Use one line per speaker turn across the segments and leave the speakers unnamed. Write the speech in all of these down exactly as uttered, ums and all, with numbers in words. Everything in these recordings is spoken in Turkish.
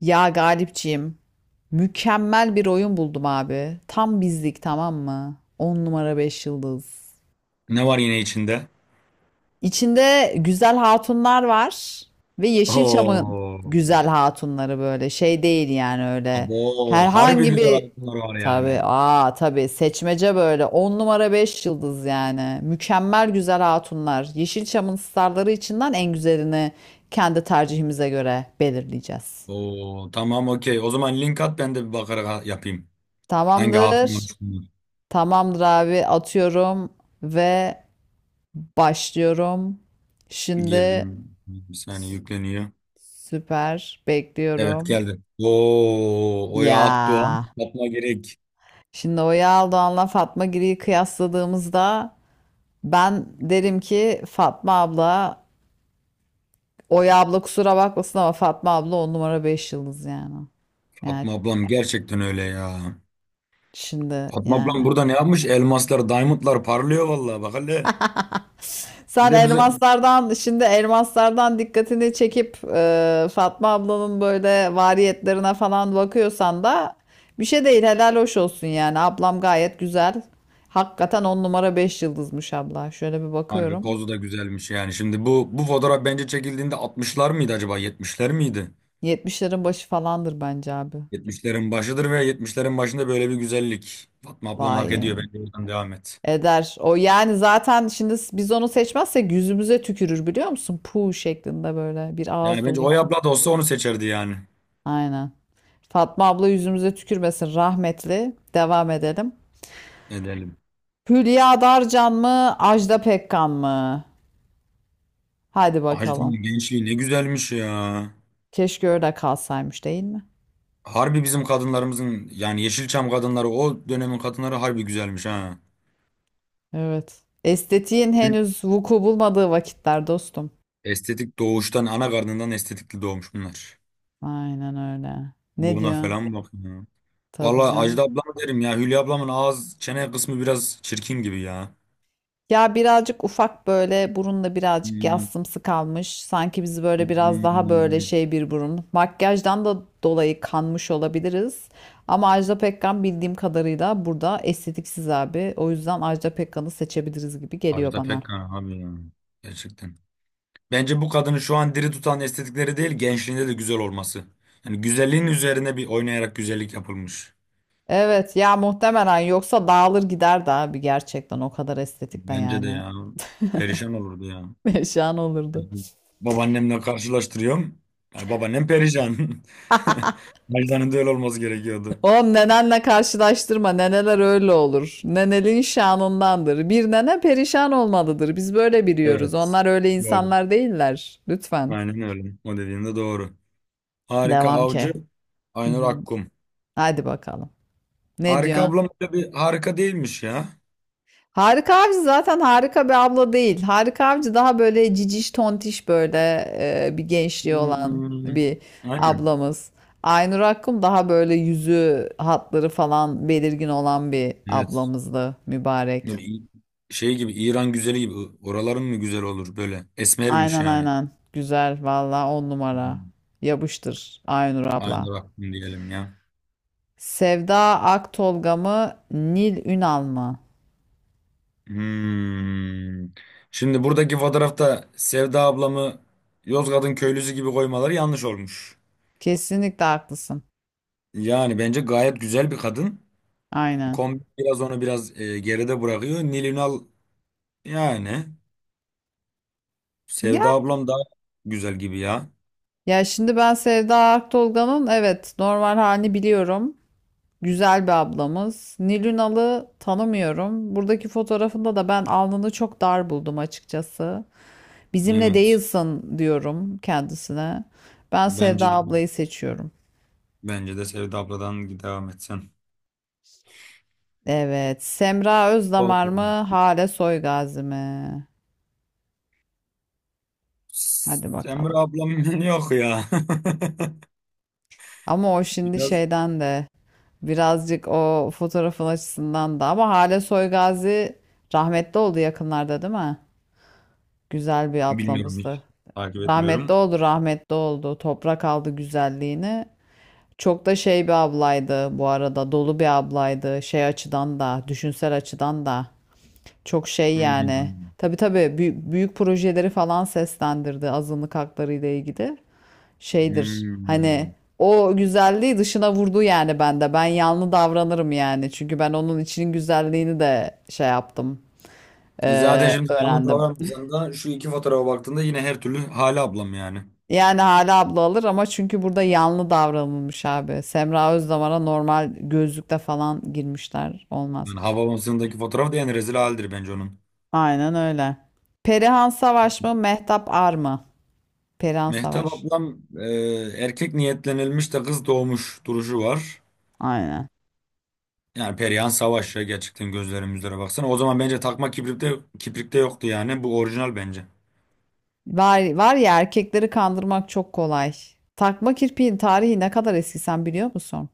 Ya Galipciğim, mükemmel bir oyun buldum abi. Tam bizlik tamam mı? On numara beş yıldız.
Ne var yine içinde?
İçinde güzel hatunlar var ve Yeşilçam'ın
Oo.
güzel hatunları böyle şey değil yani öyle.
Abo. Harbi
Herhangi
güzel
bir
altınlar var
tabii
yani.
aa tabii seçmece böyle on numara beş yıldız yani. Mükemmel güzel hatunlar. Yeşilçam'ın starları içinden en güzelini kendi tercihimize göre belirleyeceğiz.
Oo. Tamam, okey. O zaman link at, ben de bir bakarak ha- yapayım. Hangi hatunlar
Tamamdır.
şunlar?
Tamamdır abi atıyorum ve başlıyorum. Şimdi
Girdim. Bir saniye yükleniyor.
süper
Evet,
bekliyorum.
geldi. Oo.
Ya
Oya Akdoğan. Fatma Gerek.
şimdi Oya Aldoğan'la Fatma Giri'yi kıyasladığımızda ben derim ki Fatma abla, Oya abla kusura bakmasın ama Fatma abla on numara beş yıldız yani. Yani
Fatma ablam gerçekten öyle ya.
şimdi
Fatma ablam
yani.
burada ne yapmış? Elmaslar, diamondlar parlıyor vallahi, bak hele. Bir
Sen
de bize
elmaslardan şimdi elmaslardan dikkatini çekip e, Fatma ablanın böyle variyetlerine falan bakıyorsan da bir şey değil, helal hoş olsun yani, ablam gayet güzel. Hakikaten on numara beş yıldızmış abla. Şöyle bir
harbi
bakıyorum.
pozu da güzelmiş yani. Şimdi bu bu fotoğraf bence çekildiğinde altmışlar mıydı acaba? yetmişler miydi?
yetmişlerin başı falandır bence abi.
Yetmişlerin başıdır ve yetmişlerin başında böyle bir güzellik. Fatma ablam hak
Vay
ediyor.
yani.
Bence oradan devam et.
Eder. O yani zaten şimdi s- biz onu seçmezsek yüzümüze tükürür biliyor musun? Puh şeklinde böyle bir ağız
Yani bence Oya
dolusu.
abla da olsa onu seçerdi yani.
Aynen. Fatma abla yüzümüze tükürmesin rahmetli. Devam edelim.
Edelim.
Hülya Darcan mı, Ajda Pekkan mı? Hadi bakalım.
Hacı'nın gençliği ne güzelmiş ya.
Keşke öyle kalsaymış değil mi?
Harbi bizim kadınlarımızın yani Yeşilçam kadınları, o dönemin kadınları harbi güzelmiş ha.
Evet. Estetiğin henüz vuku bulmadığı vakitler dostum.
Estetik doğuştan, ana karnından estetikli doğmuş bunlar.
Aynen öyle. Ne
Buruna
diyorsun?
falan bak ya.
Tabii
Valla
canım.
Ajda ablam derim ya. Hülya ablamın ağız çene kısmı biraz çirkin gibi ya.
Ya birazcık ufak böyle burunla birazcık yassımsı kalmış. Sanki bizi böyle biraz daha böyle
Hmm.
şey bir burun. Makyajdan da dolayı kanmış olabiliriz. Ama Ajda Pekkan bildiğim kadarıyla burada estetiksiz abi. O yüzden Ajda Pekkan'ı seçebiliriz gibi geliyor
Ajda
bana.
Pekkan abi ya. Gerçekten. Bence bu kadını şu an diri tutan estetikleri değil, gençliğinde de güzel olması. Yani güzelliğin üzerine bir oynayarak güzellik yapılmış.
Evet ya muhtemelen yoksa dağılır giderdi abi, gerçekten o kadar estetikle
Bence de
yani.
ya. Perişan olurdu ya.
Şan olurdu.
Babaannemle karşılaştırıyorum. Yani babaannem perişan. Ajda'nın da öyle olması gerekiyordu.
Oğlum nenenle karşılaştırma. Neneler öyle olur. Nenelin şanındandır. Bir nene perişan olmalıdır. Biz böyle biliyoruz.
Evet.
Onlar öyle
Doğru.
insanlar değiller. Lütfen.
Aynen öyle. O dediğin de doğru. Harika
Devam
Avcı,
ki. Hı
Aynur
hı.
Akkum.
Hadi bakalım. Ne
Harika
diyorsun?
ablam da bir harika değilmiş ya.
Harika Avcı zaten harika bir abla değil. Harika Avcı daha böyle ciciş tontiş böyle e, bir gençliği olan
Hmm,
bir
aynen.
ablamız. Aynur Akkum daha böyle yüzü hatları falan belirgin olan bir
Evet.
ablamızdı mübarek.
Böyle İ- şey gibi, İran güzeli gibi oraların mı güzel olur, böyle esmermiş
Aynen
yani.
aynen. Güzel valla on numara.
Hmm.
Yapıştır Aynur abla.
Aynı Rabbim diyelim ya.
Sevda Aktolga mı Nil Ünal mı?
Hmm. Şimdi buradaki fotoğrafta Sevda ablamı Yozgat'ın köylüsü gibi koymaları yanlış olmuş.
Kesinlikle haklısın.
Yani bence gayet güzel bir kadın.
Aynen.
Kombi biraz onu biraz e, geride bırakıyor. Nil Ünal, yani
Ya
Sevda ablam daha güzel gibi ya.
Ya şimdi ben Sevda Aktolga'nın evet normal halini biliyorum. Güzel bir ablamız. Nilünalı tanımıyorum. Buradaki fotoğrafında da ben alnını çok dar buldum açıkçası. Bizimle
Evet.
değilsin diyorum kendisine. Ben Sevda
Bence de
ablayı seçiyorum.
bence de Sevda abladan devam etsen.
Evet. Semra
Doğru.
Özdamar mı? Hale Soygazi mi? Hadi
Semra
bakalım.
ablam yok ya.
Ama o şimdi
Biraz
şeyden de birazcık o fotoğrafın açısından da ama Hale Soygazi rahmetli oldu yakınlarda değil mi? Güzel bir
bilmiyorum hiç.
ablamızdı.
Takip
Rahmetli
etmiyorum.
oldu, rahmetli oldu. Toprak aldı güzelliğini. Çok da şey bir ablaydı bu arada. Dolu bir ablaydı. Şey açıdan da, düşünsel açıdan da. Çok şey yani.
Hmm.
Tabii tabii bü- büyük projeleri falan seslendirdi azınlık hakları ile ilgili. Şeydir. Hani
Hmm.
o güzelliği dışına vurdu yani bende. Ben yanlı davranırım yani. Çünkü ben onun içinin güzelliğini de şey yaptım.
E zaten
eee,
şimdi yalnız
öğrendim.
davranmasan da şu iki fotoğrafa baktığında yine her türlü Hale ablam yani.
Yani hala abla alır ama çünkü burada yanlı davranılmış abi. Semra Özdamar'a normal gözlükle falan girmişler. Olmaz.
Yani Havabası'ndaki fotoğraf da en rezil haldir bence onun.
Aynen öyle. Perihan Savaş mı? Mehtap Ar mı? Perihan
Mehtap
Savaş.
ablam e, erkek niyetlenilmiş de kız doğmuş duruşu var.
Aynen.
Yani Perihan Savaş ya, gerçekten gözlerim yüzlere baksana. O zaman bence takma kibrikte, kibrikte yoktu yani. Bu orijinal bence.
Var, var ya, erkekleri kandırmak çok kolay. Takma kirpiğin tarihi ne kadar eski sen biliyor musun?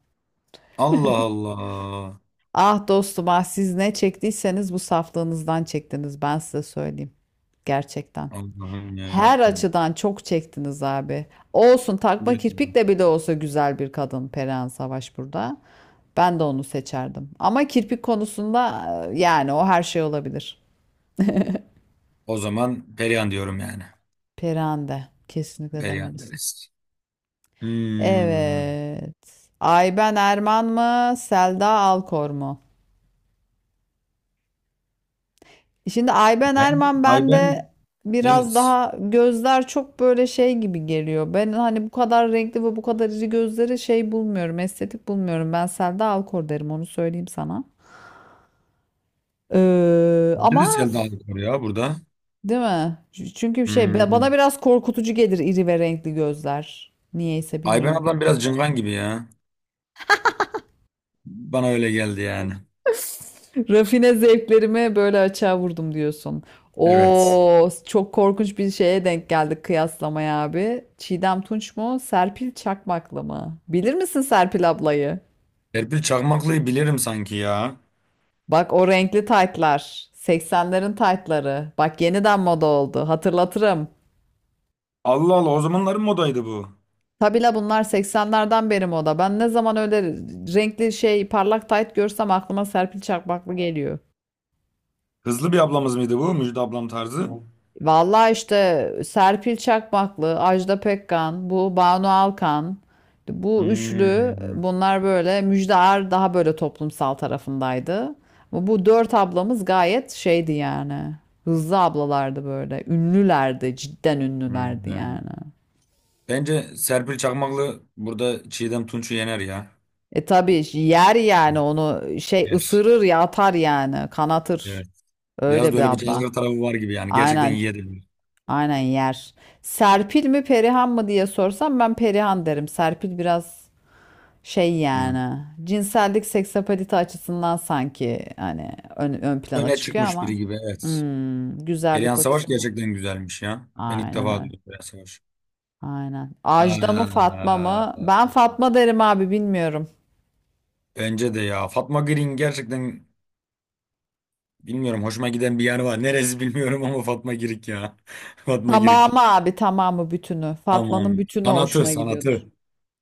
Allah Allah.
Ah dostum ah, siz ne çektiyseniz bu saflığınızdan çektiniz, ben size söyleyeyim. Gerçekten.
Allah'ım ya
Her
Rabbim.
açıdan çok çektiniz abi. Olsun, takma
Gerçekten.
kirpik de bile olsa güzel bir kadın Perihan Savaş burada. Ben de onu seçerdim. Ama kirpik konusunda e, yani o her şey olabilir.
O zaman Perihan diyorum yani.
Perihan de kesinlikle
Perihan
demelisin.
deriz. Hmm,
Evet. Ayben Erman mı? Selda Alkor mu? Şimdi Ayben
ben,
Erman
ay
bende
ben,
biraz
evet.
daha gözler çok böyle şey gibi geliyor. Ben hani bu kadar renkli ve bu kadar iri gözleri şey bulmuyorum, estetik bulmuyorum. Ben Selda Alkor derim onu söyleyeyim sana. Ee, ama
Neresi geldi var ya burada?
değil mi? Çünkü şey bana
Hmm.
biraz korkutucu gelir iri ve renkli gözler. Niyeyse
Ayben
bilmiyorum.
ablam biraz cıngan gibi ya. Bana öyle geldi yani.
Rafine zevklerime böyle açığa vurdum diyorsun.
Evet.
Oo, çok korkunç bir şeye denk geldik kıyaslamaya abi. Çiğdem Tunç mu? Serpil Çakmaklı mı? Bilir misin Serpil ablayı?
Serpil Çakmaklı'yı bilirim sanki ya.
Bak o renkli taytlar. seksenlerin taytları. Bak yeniden moda oldu. Hatırlatırım.
Allah Allah, o zamanların modaydı bu.
Tabi la bunlar seksenlerden beri moda. Ben ne zaman öyle renkli şey parlak tayt görsem aklıma Serpil Çakmaklı geliyor.
Hızlı bir ablamız mıydı bu? Müjde ablam tarzı.
Vallahi işte Serpil Çakmaklı, Ajda Pekkan, bu Banu Alkan, bu üçlü
Hmm.
bunlar böyle, Müjde Ar daha böyle toplumsal tarafındaydı. Ama bu dört ablamız gayet şeydi yani. Hızlı ablalardı böyle. Ünlülerdi, cidden ünlülerdi
Hmm.
yani.
Bence Serpil Çakmaklı burada Çiğdem Tunç'u yener ya.
E tabii yer yani, onu şey
Yer.
ısırır ya, atar yani, kanatır.
Evet. Biraz
Öyle
da
bir
öyle bir
abla.
cazgır tarafı var gibi yani. Gerçekten
Aynen,
yiyebilir.
aynen yer. Serpil mi Perihan mı diye sorsam ben Perihan derim. Serpil biraz şey
Hı.
yani, cinsellik seksapalite açısından sanki hani ön, ön plana
Öne
çıkıyor
çıkmış biri
ama
gibi, evet.
hmm,
Perihan
güzellik
Savaş
açısından.
gerçekten güzelmiş ya. Ben ilk
Aynen
defa
öyle.
duydum Perihan Savaş.
Aynen. Ajda mı Fatma
Aa,
mı? Ben Fatma derim abi, bilmiyorum.
bence de ya. Fatma Girik gerçekten, bilmiyorum, hoşuma giden bir yer var. Neresi bilmiyorum ama Fatma Girik ya. Fatma Girik.
Tamamı abi, tamamı, bütünü. Fatma'nın
Tamam.
bütünü
Sanatı,
hoşuna gidiyordur.
sanatı.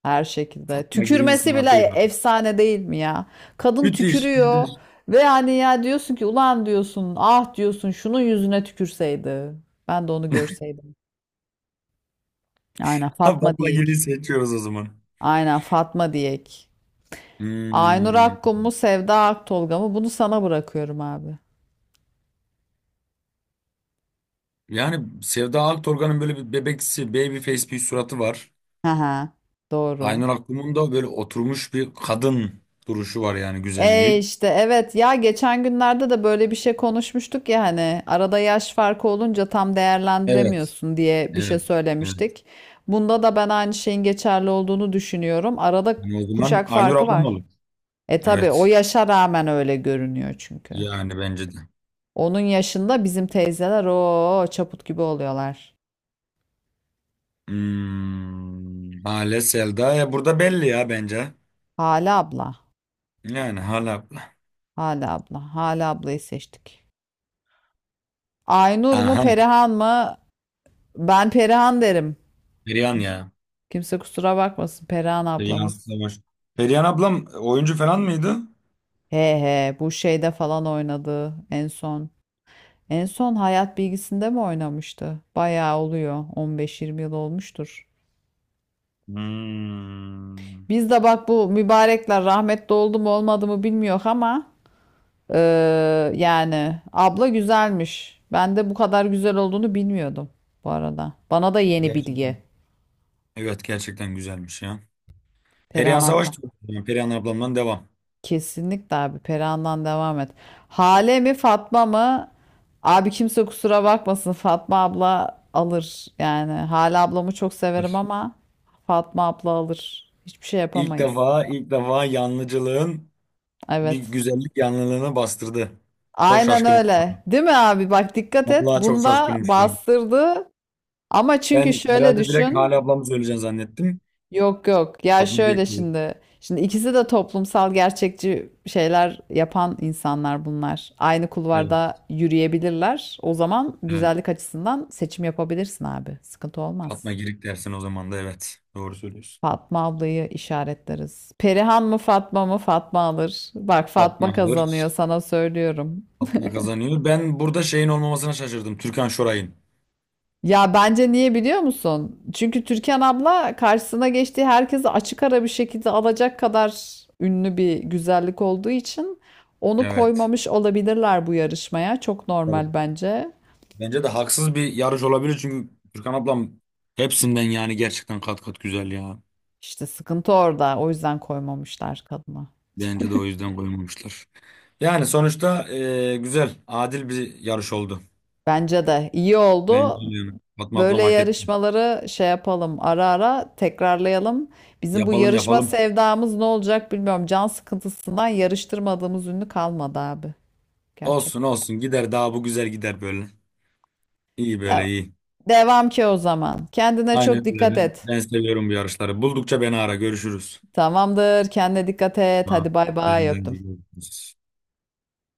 Her şekilde.
Fatma Girik'in
Tükürmesi bile
sanatı ya.
efsane değil mi ya? Kadın
Müthiş,
tükürüyor
müthiş.
ve hani ya diyorsun ki ulan diyorsun ah diyorsun şunun yüzüne tükürseydi. Ben de onu görseydim. Aynen Fatma
Fatma Girik'i
Diyek.
seçiyoruz o zaman.
Aynen Fatma Diyek. Aynur
Hmm.
Akkum mu Sevda Aktolga mı? Bunu sana bırakıyorum abi.
Yani Sevda Aktorgan'ın böyle bir bebeksi, baby face bir suratı var.
Hı hı. Doğru.
Aynur Akkum'un da böyle oturmuş bir kadın duruşu var yani,
E
güzelliği.
işte evet ya, geçen günlerde de böyle bir şey konuşmuştuk ya, hani arada yaş farkı olunca tam
Evet.
değerlendiremiyorsun diye bir şey
Evet. Evet.
söylemiştik. Bunda da ben aynı şeyin geçerli olduğunu düşünüyorum. Arada
Yani o zaman
kuşak
Aynur
farkı
ablam
var.
olur.
E tabii o
Evet.
yaşa rağmen öyle görünüyor çünkü.
Yani bence de.
Onun yaşında bizim teyzeler o çaput gibi oluyorlar.
Hmm, Hale Selda. Ya burada belli ya bence.
Hala abla,
Yani Hale abla.
hala abla, hala ablayı seçtik. Aynur mu
Aha.
Perihan mı? Ben Perihan derim.
Perihan ya.
Kimse kusura bakmasın, Perihan
Perihan
ablamız.
Savaş. Perihan ablam oyuncu falan mıydı?
He he, bu şeyde falan oynadı en son. En son hayat bilgisinde mi oynamıştı? Bayağı oluyor. on beş yirmi yıl olmuştur.
Hmm.
Biz de bak bu mübarekler rahmetli oldu mu olmadı mı bilmiyor ama eee, yani abla güzelmiş. Ben de bu kadar güzel olduğunu bilmiyordum bu arada. Bana da yeni bilgi.
Gerçekten. Evet, gerçekten güzelmiş ya. Perihan
Perihan abla.
Savaş diyorum. Perihan ablamdan devam.
Kesinlikle abi Perihan'dan devam et. Hale mi Fatma mı? Abi kimse kusura bakmasın, Fatma abla alır. Yani Hale ablamı çok severim
Dur.
ama Fatma abla alır. Hiçbir şey
İlk
yapamayız.
defa ilk defa yanlıcılığın bir
Evet.
güzellik yanlılığını bastırdı. Çok
Aynen
şaşkınım şu
öyle.
an.
Değil mi abi? Bak dikkat et.
Vallahi çok
Bunda
şaşkınım şu an.
bastırdı. Ama çünkü
Ben
şöyle
herhalde direkt
düşün.
Hale ablamı söyleyeceğim zannettim.
Yok yok. Ya
Fatma
şöyle
Girik dedi.
şimdi. Şimdi ikisi de toplumsal gerçekçi şeyler yapan insanlar bunlar. Aynı kulvarda
Evet,
yürüyebilirler. O zaman
evet.
güzellik açısından seçim yapabilirsin abi. Sıkıntı
Fatma
olmaz.
Girik dersin o zaman da, evet. Doğru söylüyorsun.
Fatma ablayı işaretleriz. Perihan mı Fatma mı? Fatma alır. Bak
Fatma
Fatma kazanıyor
alır.
sana söylüyorum.
Fatma kazanıyor. Ben burada şeyin olmamasına şaşırdım. Türkan Şoray'ın.
Ya bence niye biliyor musun? Çünkü Türkan abla karşısına geçtiği herkesi açık ara bir şekilde alacak kadar ünlü bir güzellik olduğu için onu
Evet.
koymamış olabilirler bu yarışmaya. Çok
Doğru.
normal bence.
Bence de haksız bir yarış olabilir çünkü Türkan ablam hepsinden yani gerçekten kat kat güzel ya.
İşte sıkıntı orada. O yüzden koymamışlar kadına.
Bence de o yüzden koymamışlar. Yani sonuçta e, güzel, adil bir yarış oldu.
Bence de iyi
Bence
oldu.
de yani. Fatma
Böyle
ablam hak etti.
yarışmaları şey yapalım, ara ara tekrarlayalım. Bizim bu
Yapalım,
yarışma
yapalım.
sevdamız ne olacak bilmiyorum. Can sıkıntısından yarıştırmadığımız ünlü kalmadı abi. Gerçek.
Olsun olsun, gider, daha bu güzel gider böyle. İyi, böyle iyi.
Devam ki o zaman. Kendine çok
Aynen öyle.
dikkat
Ben,
et.
Ben seviyorum bu yarışları. Buldukça beni ara, görüşürüz.
Tamamdır. Kendine dikkat et.
Ha,
Hadi bay bay
senden de
öptüm.
görüşürüz.